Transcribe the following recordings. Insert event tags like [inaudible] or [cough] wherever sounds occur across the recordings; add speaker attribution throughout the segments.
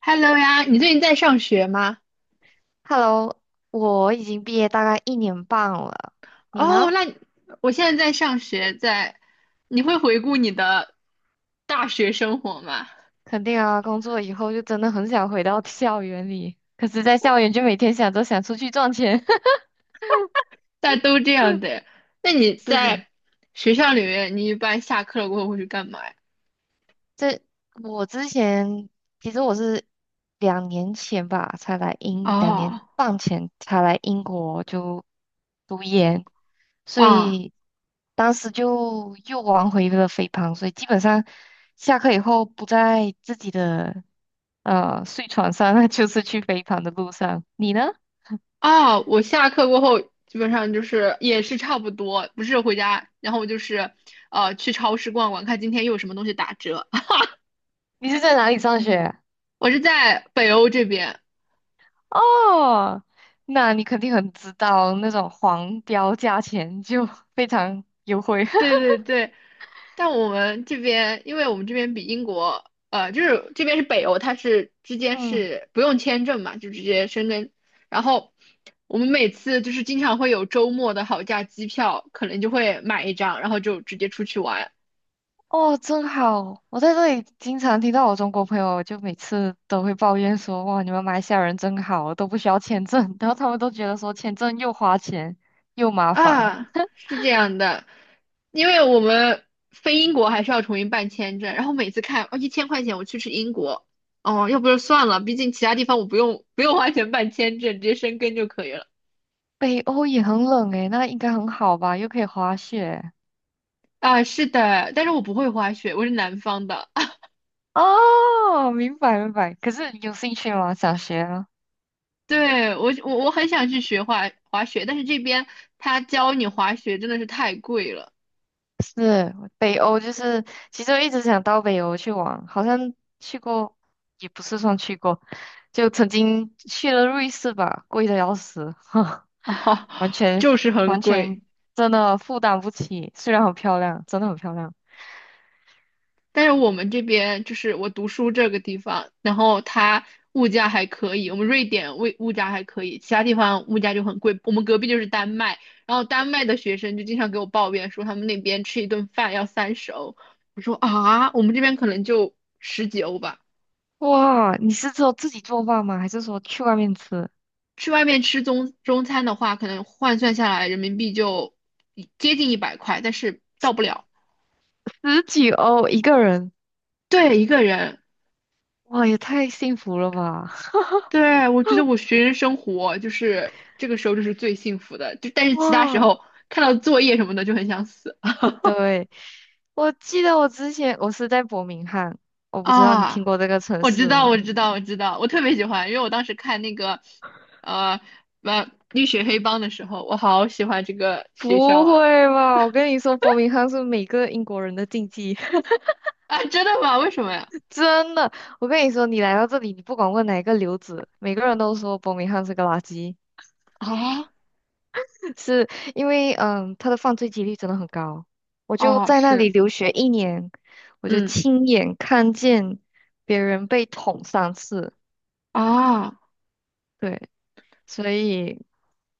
Speaker 1: Hello 呀，你最近在上学吗？
Speaker 2: Hello，我已经毕业大概1年半了，你
Speaker 1: 哦，
Speaker 2: 呢？
Speaker 1: 那你我现在在上学，你会回顾你的大学生活吗？
Speaker 2: 肯定啊，工作以后就真的很想回到校园里，可是，在校园就每天想着想出去赚钱。[laughs]
Speaker 1: 大家都这样的。那你
Speaker 2: 是的，
Speaker 1: 在学校里面，你一般下课了过后会去干嘛呀？
Speaker 2: 这我之前其实我是2年前吧，才来英，两
Speaker 1: 哦，
Speaker 2: 年半前才来英国就读研，所
Speaker 1: 啊
Speaker 2: 以当时就又玩回了肥胖，所以基本上下课以后不在自己的。睡床上 [laughs] 那就是去飞盘的路上。你呢？[laughs]
Speaker 1: 啊，我下课过后基本上就是也是差不多，不是回家，然后就是去超市逛逛，看今天又有什么东西打折。[laughs]
Speaker 2: 你是在哪里上学？
Speaker 1: 我是在北欧这边，
Speaker 2: 哦，那你肯定很知道那种黄标价钱就 [laughs] 非常优惠。
Speaker 1: 对对对，但我们这边，因为我们这边比英国，就是这边是北欧，它是之
Speaker 2: [laughs]
Speaker 1: 间
Speaker 2: 嗯，
Speaker 1: 是不用签证嘛，就直接申根。然后我们每次就是经常会有周末的好价机票，可能就会买一张，然后就直接出去玩
Speaker 2: 哦，真好！我在这里经常听到我中国朋友，就每次都会抱怨说："哇，你们马来西亚人真好，都不需要签证。[laughs]” 然后他们都觉得说签证又花钱又麻烦。
Speaker 1: 啊，是这样的。因为我们飞英国还是要重新办签证，然后每次看哦1000块钱我去吃英国，哦，要不就算了，毕竟其他地方我不用花钱办签证，直接申根就可以了。
Speaker 2: 北欧也很冷诶，那应该很好吧？又可以滑雪。
Speaker 1: 啊，是的，但是我不会滑雪，我是南方的。[laughs]
Speaker 2: 哦，明白明白。可是有兴趣吗？想学啊？
Speaker 1: 对，我很想去学滑雪，但是这边他教你滑雪真的是太贵了
Speaker 2: 是北欧，就是其实我一直想到北欧去玩，好像去过，也不是算去过，就曾经去了瑞士吧，贵的要死，[laughs]
Speaker 1: [laughs] 啊，
Speaker 2: 完全
Speaker 1: 就是很
Speaker 2: 完
Speaker 1: 贵。
Speaker 2: 全真的负担不起。虽然很漂亮，真的很漂亮。
Speaker 1: 但是我们这边就是我读书这个地方，然后它物价还可以，我们瑞典物价还可以，其他地方物价就很贵。我们隔壁就是丹麦，然后丹麦的学生就经常给我抱怨说他们那边吃一顿饭要30欧，我说啊，我们这边可能就十几欧吧。
Speaker 2: 哇，你是只有自己做饭吗？还是说去外面吃？
Speaker 1: 去外面吃中餐的话，可能换算下来人民币就接近100块，但是到不了。
Speaker 2: 十几欧一个人，
Speaker 1: 对，一个人。
Speaker 2: 哇，也太幸福了吧！
Speaker 1: 对，我觉得我学生生活就是这个时候就是最幸福的，就但
Speaker 2: [laughs]
Speaker 1: 是其他时
Speaker 2: 哇，
Speaker 1: 候看到作业什么的就很想死
Speaker 2: 对，我记得我之前我是在伯明翰，
Speaker 1: [laughs]
Speaker 2: 我不知道你听
Speaker 1: 啊！
Speaker 2: 过这个城
Speaker 1: 我知
Speaker 2: 市
Speaker 1: 道，
Speaker 2: 吗？
Speaker 1: 我知道，我知道，我特别喜欢，因为我当时看那个呃绿血黑帮的时候，我好喜欢这个学校
Speaker 2: 不
Speaker 1: 啊
Speaker 2: 会吧！我跟你说，伯明翰是每个英国人的禁忌，[laughs]
Speaker 1: 啊！真的吗？为什么呀？
Speaker 2: 真的。我跟你说，你来到这里，你不管问哪一个留子，每个人都说伯明翰是个垃圾，
Speaker 1: 啊
Speaker 2: [laughs] 是因为他的犯罪几率真的很高。我就
Speaker 1: 哦，
Speaker 2: 在那里
Speaker 1: 是，
Speaker 2: 留学一年，我就
Speaker 1: 嗯
Speaker 2: 亲眼看见别人被捅3次。
Speaker 1: 啊，
Speaker 2: 对。所以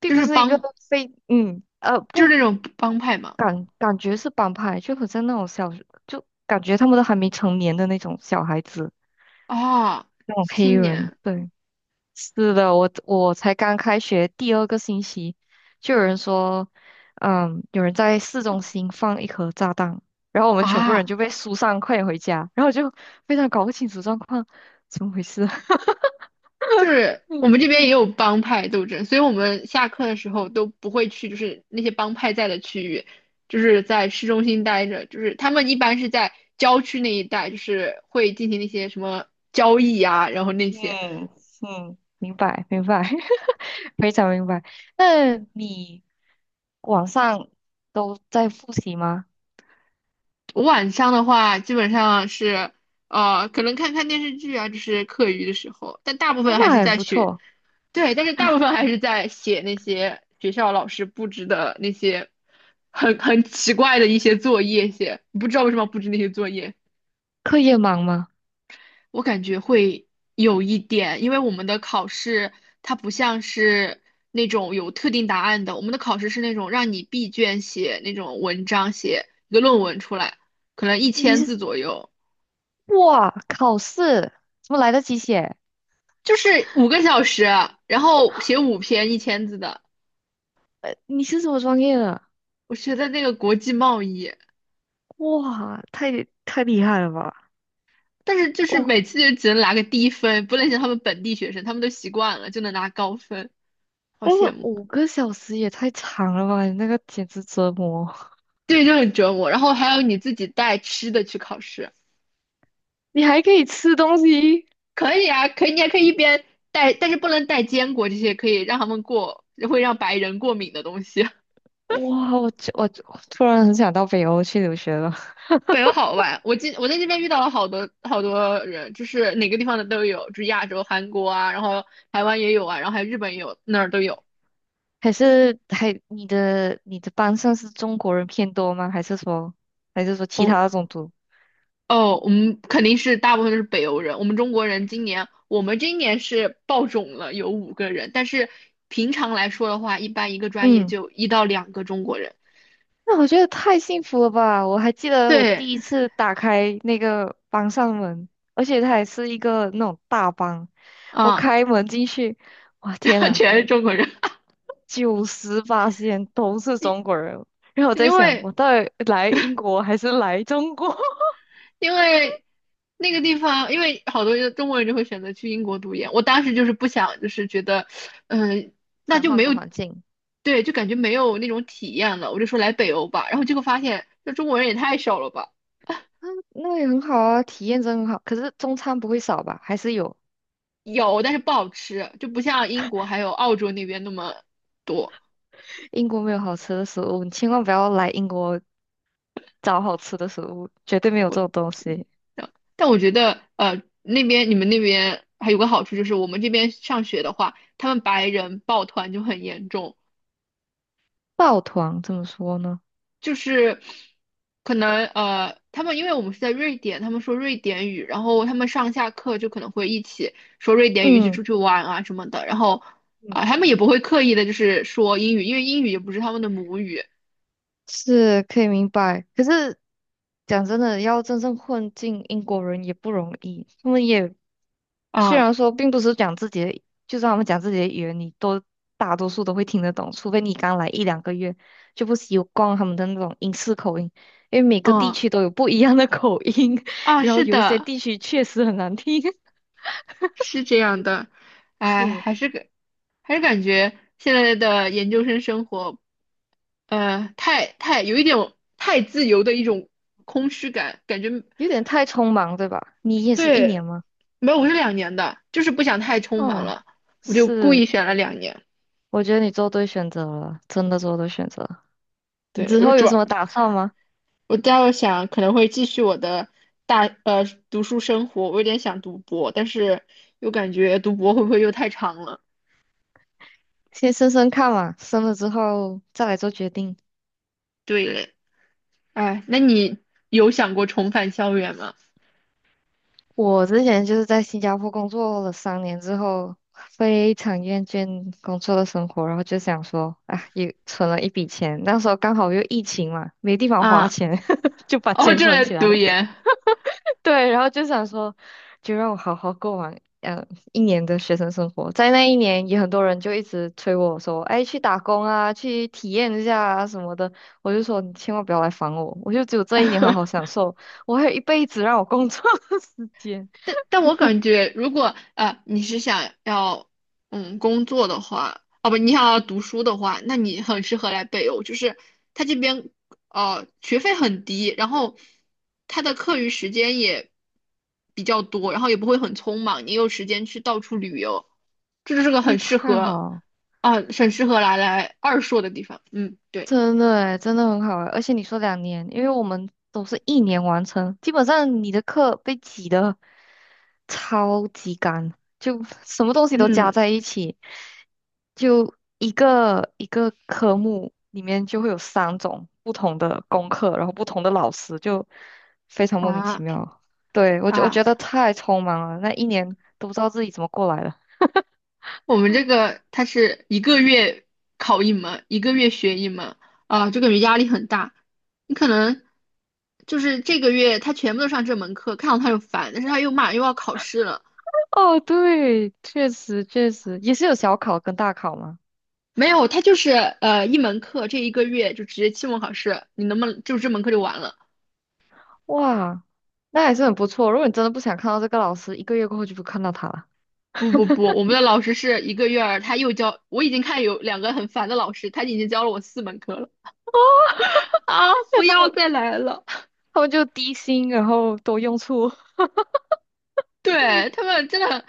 Speaker 2: 并
Speaker 1: 就
Speaker 2: 不
Speaker 1: 是
Speaker 2: 是一个
Speaker 1: 帮
Speaker 2: 非嗯呃
Speaker 1: 就是
Speaker 2: 不
Speaker 1: 那种帮派嘛。
Speaker 2: 感感觉是帮派，就好像那种小，就感觉他们都还没成年的那种小孩子，
Speaker 1: 啊，
Speaker 2: 那种黑
Speaker 1: 青
Speaker 2: 人。
Speaker 1: 年
Speaker 2: 对，是的，我才刚开学第二个星期，就有人说，有人在市中心放一颗炸弹，然后我们全部人
Speaker 1: 啊，
Speaker 2: 就被疏散，快点回家，然后就非常搞不清楚状况，怎么回事？[laughs]
Speaker 1: 就是我
Speaker 2: 嗯。
Speaker 1: 们这边也有帮派斗争，所以我们下课的时候都不会去，就是那些帮派在的区域，就是在市中心待着，就是他们一般是在郊区那一带，就是会进行那些什么交易啊，然后那些。
Speaker 2: 嗯嗯，明白明白，[laughs] 非常明白。那你晚上都在复习吗？
Speaker 1: 我晚上的话，基本上是可能看看电视剧啊，就是课余的时候，但大部
Speaker 2: 哦
Speaker 1: 分还
Speaker 2: 那
Speaker 1: 是
Speaker 2: 还
Speaker 1: 在
Speaker 2: 不
Speaker 1: 学
Speaker 2: 错。
Speaker 1: 对，但是大部分还是在写那些学校老师布置的那些很奇怪的一些作业写，不知道为什么布置那些作业，
Speaker 2: 课业忙吗？
Speaker 1: 我感觉会有一点，因为我们的考试它不像是那种有特定答案的，我们的考试是那种让你闭卷写那种文章，写一个论文出来，可能一
Speaker 2: 你
Speaker 1: 千
Speaker 2: 是
Speaker 1: 字左右，
Speaker 2: 哇，考试怎么来得及写？
Speaker 1: 就是5个小时，然后写五篇一千字的，
Speaker 2: 呃，你是什么专业的？
Speaker 1: 我觉得那个国际贸易。
Speaker 2: 哇，太厉害了吧！
Speaker 1: 但是就是
Speaker 2: 哦，
Speaker 1: 每次就只能拿个低分，不能像他们本地学生，他们都习惯了，就能拿高分，好
Speaker 2: 但是
Speaker 1: 羡慕。
Speaker 2: 5个小时也太长了吧？你那个简直折磨。
Speaker 1: 对，就很折磨。然后还有你自己带吃的去考试，
Speaker 2: [laughs] 你还可以吃东西？
Speaker 1: 可以啊，可以，你还可以一边带，但是不能带坚果这些可以让他们过，会让白人过敏的东西。[laughs]
Speaker 2: 哇，我突然很想到北欧去留学了。
Speaker 1: 北欧好玩，我在这边遇到了好多好多人，就是哪个地方的都有，就是亚洲、韩国啊，然后台湾也有啊，然后还有日本也有，那儿都有。
Speaker 2: 还是还你的班上是中国人偏多吗？还是说其
Speaker 1: 我
Speaker 2: 他的种族？
Speaker 1: 哦，我们肯定是大部分都是北欧人。我们中国人今年，我们今年是爆种了，有五个人。但是平常来说的话，一般一个专业
Speaker 2: 嗯，
Speaker 1: 就一到两个中国人。
Speaker 2: 那我觉得太幸福了吧！我还记得我
Speaker 1: 对，
Speaker 2: 第一次打开那个班上门，而且它还是一个那种大班，我
Speaker 1: 啊，
Speaker 2: 开门进去，哇天
Speaker 1: [laughs]
Speaker 2: 啊，
Speaker 1: 全是中国人，[laughs]
Speaker 2: 98仙都是中国人，然后我
Speaker 1: 因
Speaker 2: 在想，
Speaker 1: 为
Speaker 2: 我到底来英国还是来中国？
Speaker 1: 因为那个地方，因为好多中国人就会选择去英国读研。我当时就是不想，就是觉得，嗯、
Speaker 2: [laughs]
Speaker 1: 那
Speaker 2: 想
Speaker 1: 就没
Speaker 2: 换
Speaker 1: 有，
Speaker 2: 个环境。
Speaker 1: 对，就感觉没有那种体验了。我就说来北欧吧，然后结果发现，这中国人也太少了吧。
Speaker 2: 嗯，那也很好啊，体验真很好。可是中餐不会少吧？还是有。
Speaker 1: 有，但是不好吃，就不像英国还有澳洲那边那么多。
Speaker 2: 英国没有好吃的食物，你千万不要来英国找好吃的食物，绝对没有这种东西。
Speaker 1: 嗯但我觉得，那边你们那边还有个好处就是，我们这边上学的话，他们白人抱团就很严重，
Speaker 2: 抱团怎么说呢？
Speaker 1: 就是可能他们因为我们是在瑞典，他们说瑞典语，然后他们上下课就可能会一起说瑞典语，一起
Speaker 2: 嗯
Speaker 1: 出去玩啊什么的，然后
Speaker 2: 嗯，
Speaker 1: 啊、他们也不会刻意的就是说英语，因为英语也不是他们的母语
Speaker 2: 是可以明白。可是讲真的，要真正混进英国人也不容易。他们也虽
Speaker 1: 啊，
Speaker 2: 然说并不是讲自己的，就算他们讲自己的语言，你都大多数都会听得懂，除非你刚来一两个月就不习惯他们的那种英式口音，因为每个地
Speaker 1: 嗯
Speaker 2: 区都有不一样的口音，[laughs]
Speaker 1: 啊，
Speaker 2: 然后
Speaker 1: 是
Speaker 2: 有一些
Speaker 1: 的。
Speaker 2: 地区确实很难听。
Speaker 1: 是这样的，
Speaker 2: [laughs]
Speaker 1: 哎，
Speaker 2: 是。
Speaker 1: 还是感觉现在的研究生生活，太有一点太自由的一种空虚感，感觉
Speaker 2: 有点太匆忙，对吧？你也是一
Speaker 1: 对，
Speaker 2: 年吗？
Speaker 1: 没有，我是两年的，就是不想太匆忙
Speaker 2: 哦，
Speaker 1: 了，我就故
Speaker 2: 是，
Speaker 1: 意选了两年，
Speaker 2: 我觉得你做对选择了，真的做对选择。你
Speaker 1: 对，
Speaker 2: 之
Speaker 1: 我就
Speaker 2: 后
Speaker 1: 主
Speaker 2: 有什
Speaker 1: 要
Speaker 2: 么打算吗？
Speaker 1: 我倒想可能会继续我的大呃读书生活，我有点想读博，但是又感觉读博会不会又太长了？
Speaker 2: 先升升看嘛，升了之后再来做决定。
Speaker 1: 对嘞，哎，那你有想过重返校园吗？
Speaker 2: 我之前就是在新加坡工作了3年之后，非常厌倦工作的生活，然后就想说，啊，也存了一笔钱，那时候刚好又疫情嘛，没地方花
Speaker 1: 啊。
Speaker 2: 钱，[laughs] 就
Speaker 1: [laughs]
Speaker 2: 把
Speaker 1: 哦，
Speaker 2: 钱
Speaker 1: 这
Speaker 2: 存
Speaker 1: 来
Speaker 2: 起来，
Speaker 1: 读研。
Speaker 2: [laughs] 对，然后就想说，就让我好好过完一年的学生生活。在那一年，也很多人就一直催我说，哎，去打工啊，去体验一下啊什么的。我就说，你千万不要来烦我，我就只有这一年好好享
Speaker 1: [laughs]
Speaker 2: 受，我还有一辈子让我工作的 [laughs] 时间。
Speaker 1: 但我感觉，如果啊，你是想要工作的话，哦不，你想要读书的话，那你很适合来北欧，就是他这边学费很低，然后他的课余时间也比较多，然后也不会很匆忙，你有时间去到处旅游，这就是个
Speaker 2: 那
Speaker 1: 很适
Speaker 2: 太
Speaker 1: 合
Speaker 2: 好，
Speaker 1: 啊很适合来二硕的地方。嗯，对，
Speaker 2: 真的诶，真的很好诶。而且你说两年，因为我们都是一年完成，基本上你的课被挤的。超级干，就什么东西都加
Speaker 1: 嗯
Speaker 2: 在一起，就一个一个科目里面就会有3种不同的功课，然后不同的老师，就非常莫名其
Speaker 1: 啊
Speaker 2: 妙。对，我
Speaker 1: 啊。
Speaker 2: 觉得太匆忙了，那一年都不知道自己怎么过来的。
Speaker 1: 我们这个它是一个月考一门，一个月学一门，啊，就感觉压力很大。你可能就是这个月他全部都上这门课，看到他就烦，但是他又马上又要考试了。
Speaker 2: 哦，对，确实确实也是有小考跟大考嘛。
Speaker 1: 没有，他就是一门课，这一个月就直接期末考试，你能不能就这门课就完了？
Speaker 2: 哇，那还是很不错。如果你真的不想看到这个老师，一个月过后就不看到他了，
Speaker 1: 不不不，我们的老师是一个月儿，他又教，我已经看有两个很烦的老师，他已经教了我4门课了啊！
Speaker 2: [laughs] 那
Speaker 1: 不
Speaker 2: 他
Speaker 1: 要
Speaker 2: 们
Speaker 1: 再来了。
Speaker 2: 就低薪，然后多用处。
Speaker 1: [laughs] 对，他们真的，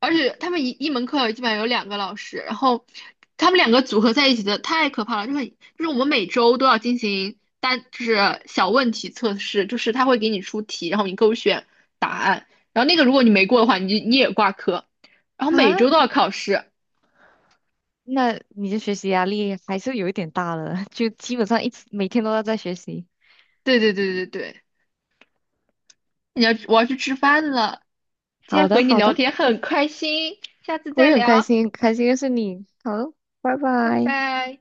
Speaker 1: 而且他们一门课基本上有2个老师，然后他们两个组合在一起的太可怕了，就是很就是我们每周都要进行就是小问题测试，就是他会给你出题，然后你勾选答案，然后那个如果你没过的话，你也挂科，然后
Speaker 2: 啊，
Speaker 1: 每周都要考试。
Speaker 2: 那你的学习压力还是有一点大了，就基本上一直每天都要在学习。
Speaker 1: 对对对对对，我要去吃饭了，今天
Speaker 2: 好
Speaker 1: 和
Speaker 2: 的，
Speaker 1: 你
Speaker 2: 好
Speaker 1: 聊
Speaker 2: 的，
Speaker 1: 天很开心，下次
Speaker 2: 我
Speaker 1: 再
Speaker 2: 也很开
Speaker 1: 聊，
Speaker 2: 心，开心认识你。好，拜
Speaker 1: 拜
Speaker 2: 拜。
Speaker 1: 拜。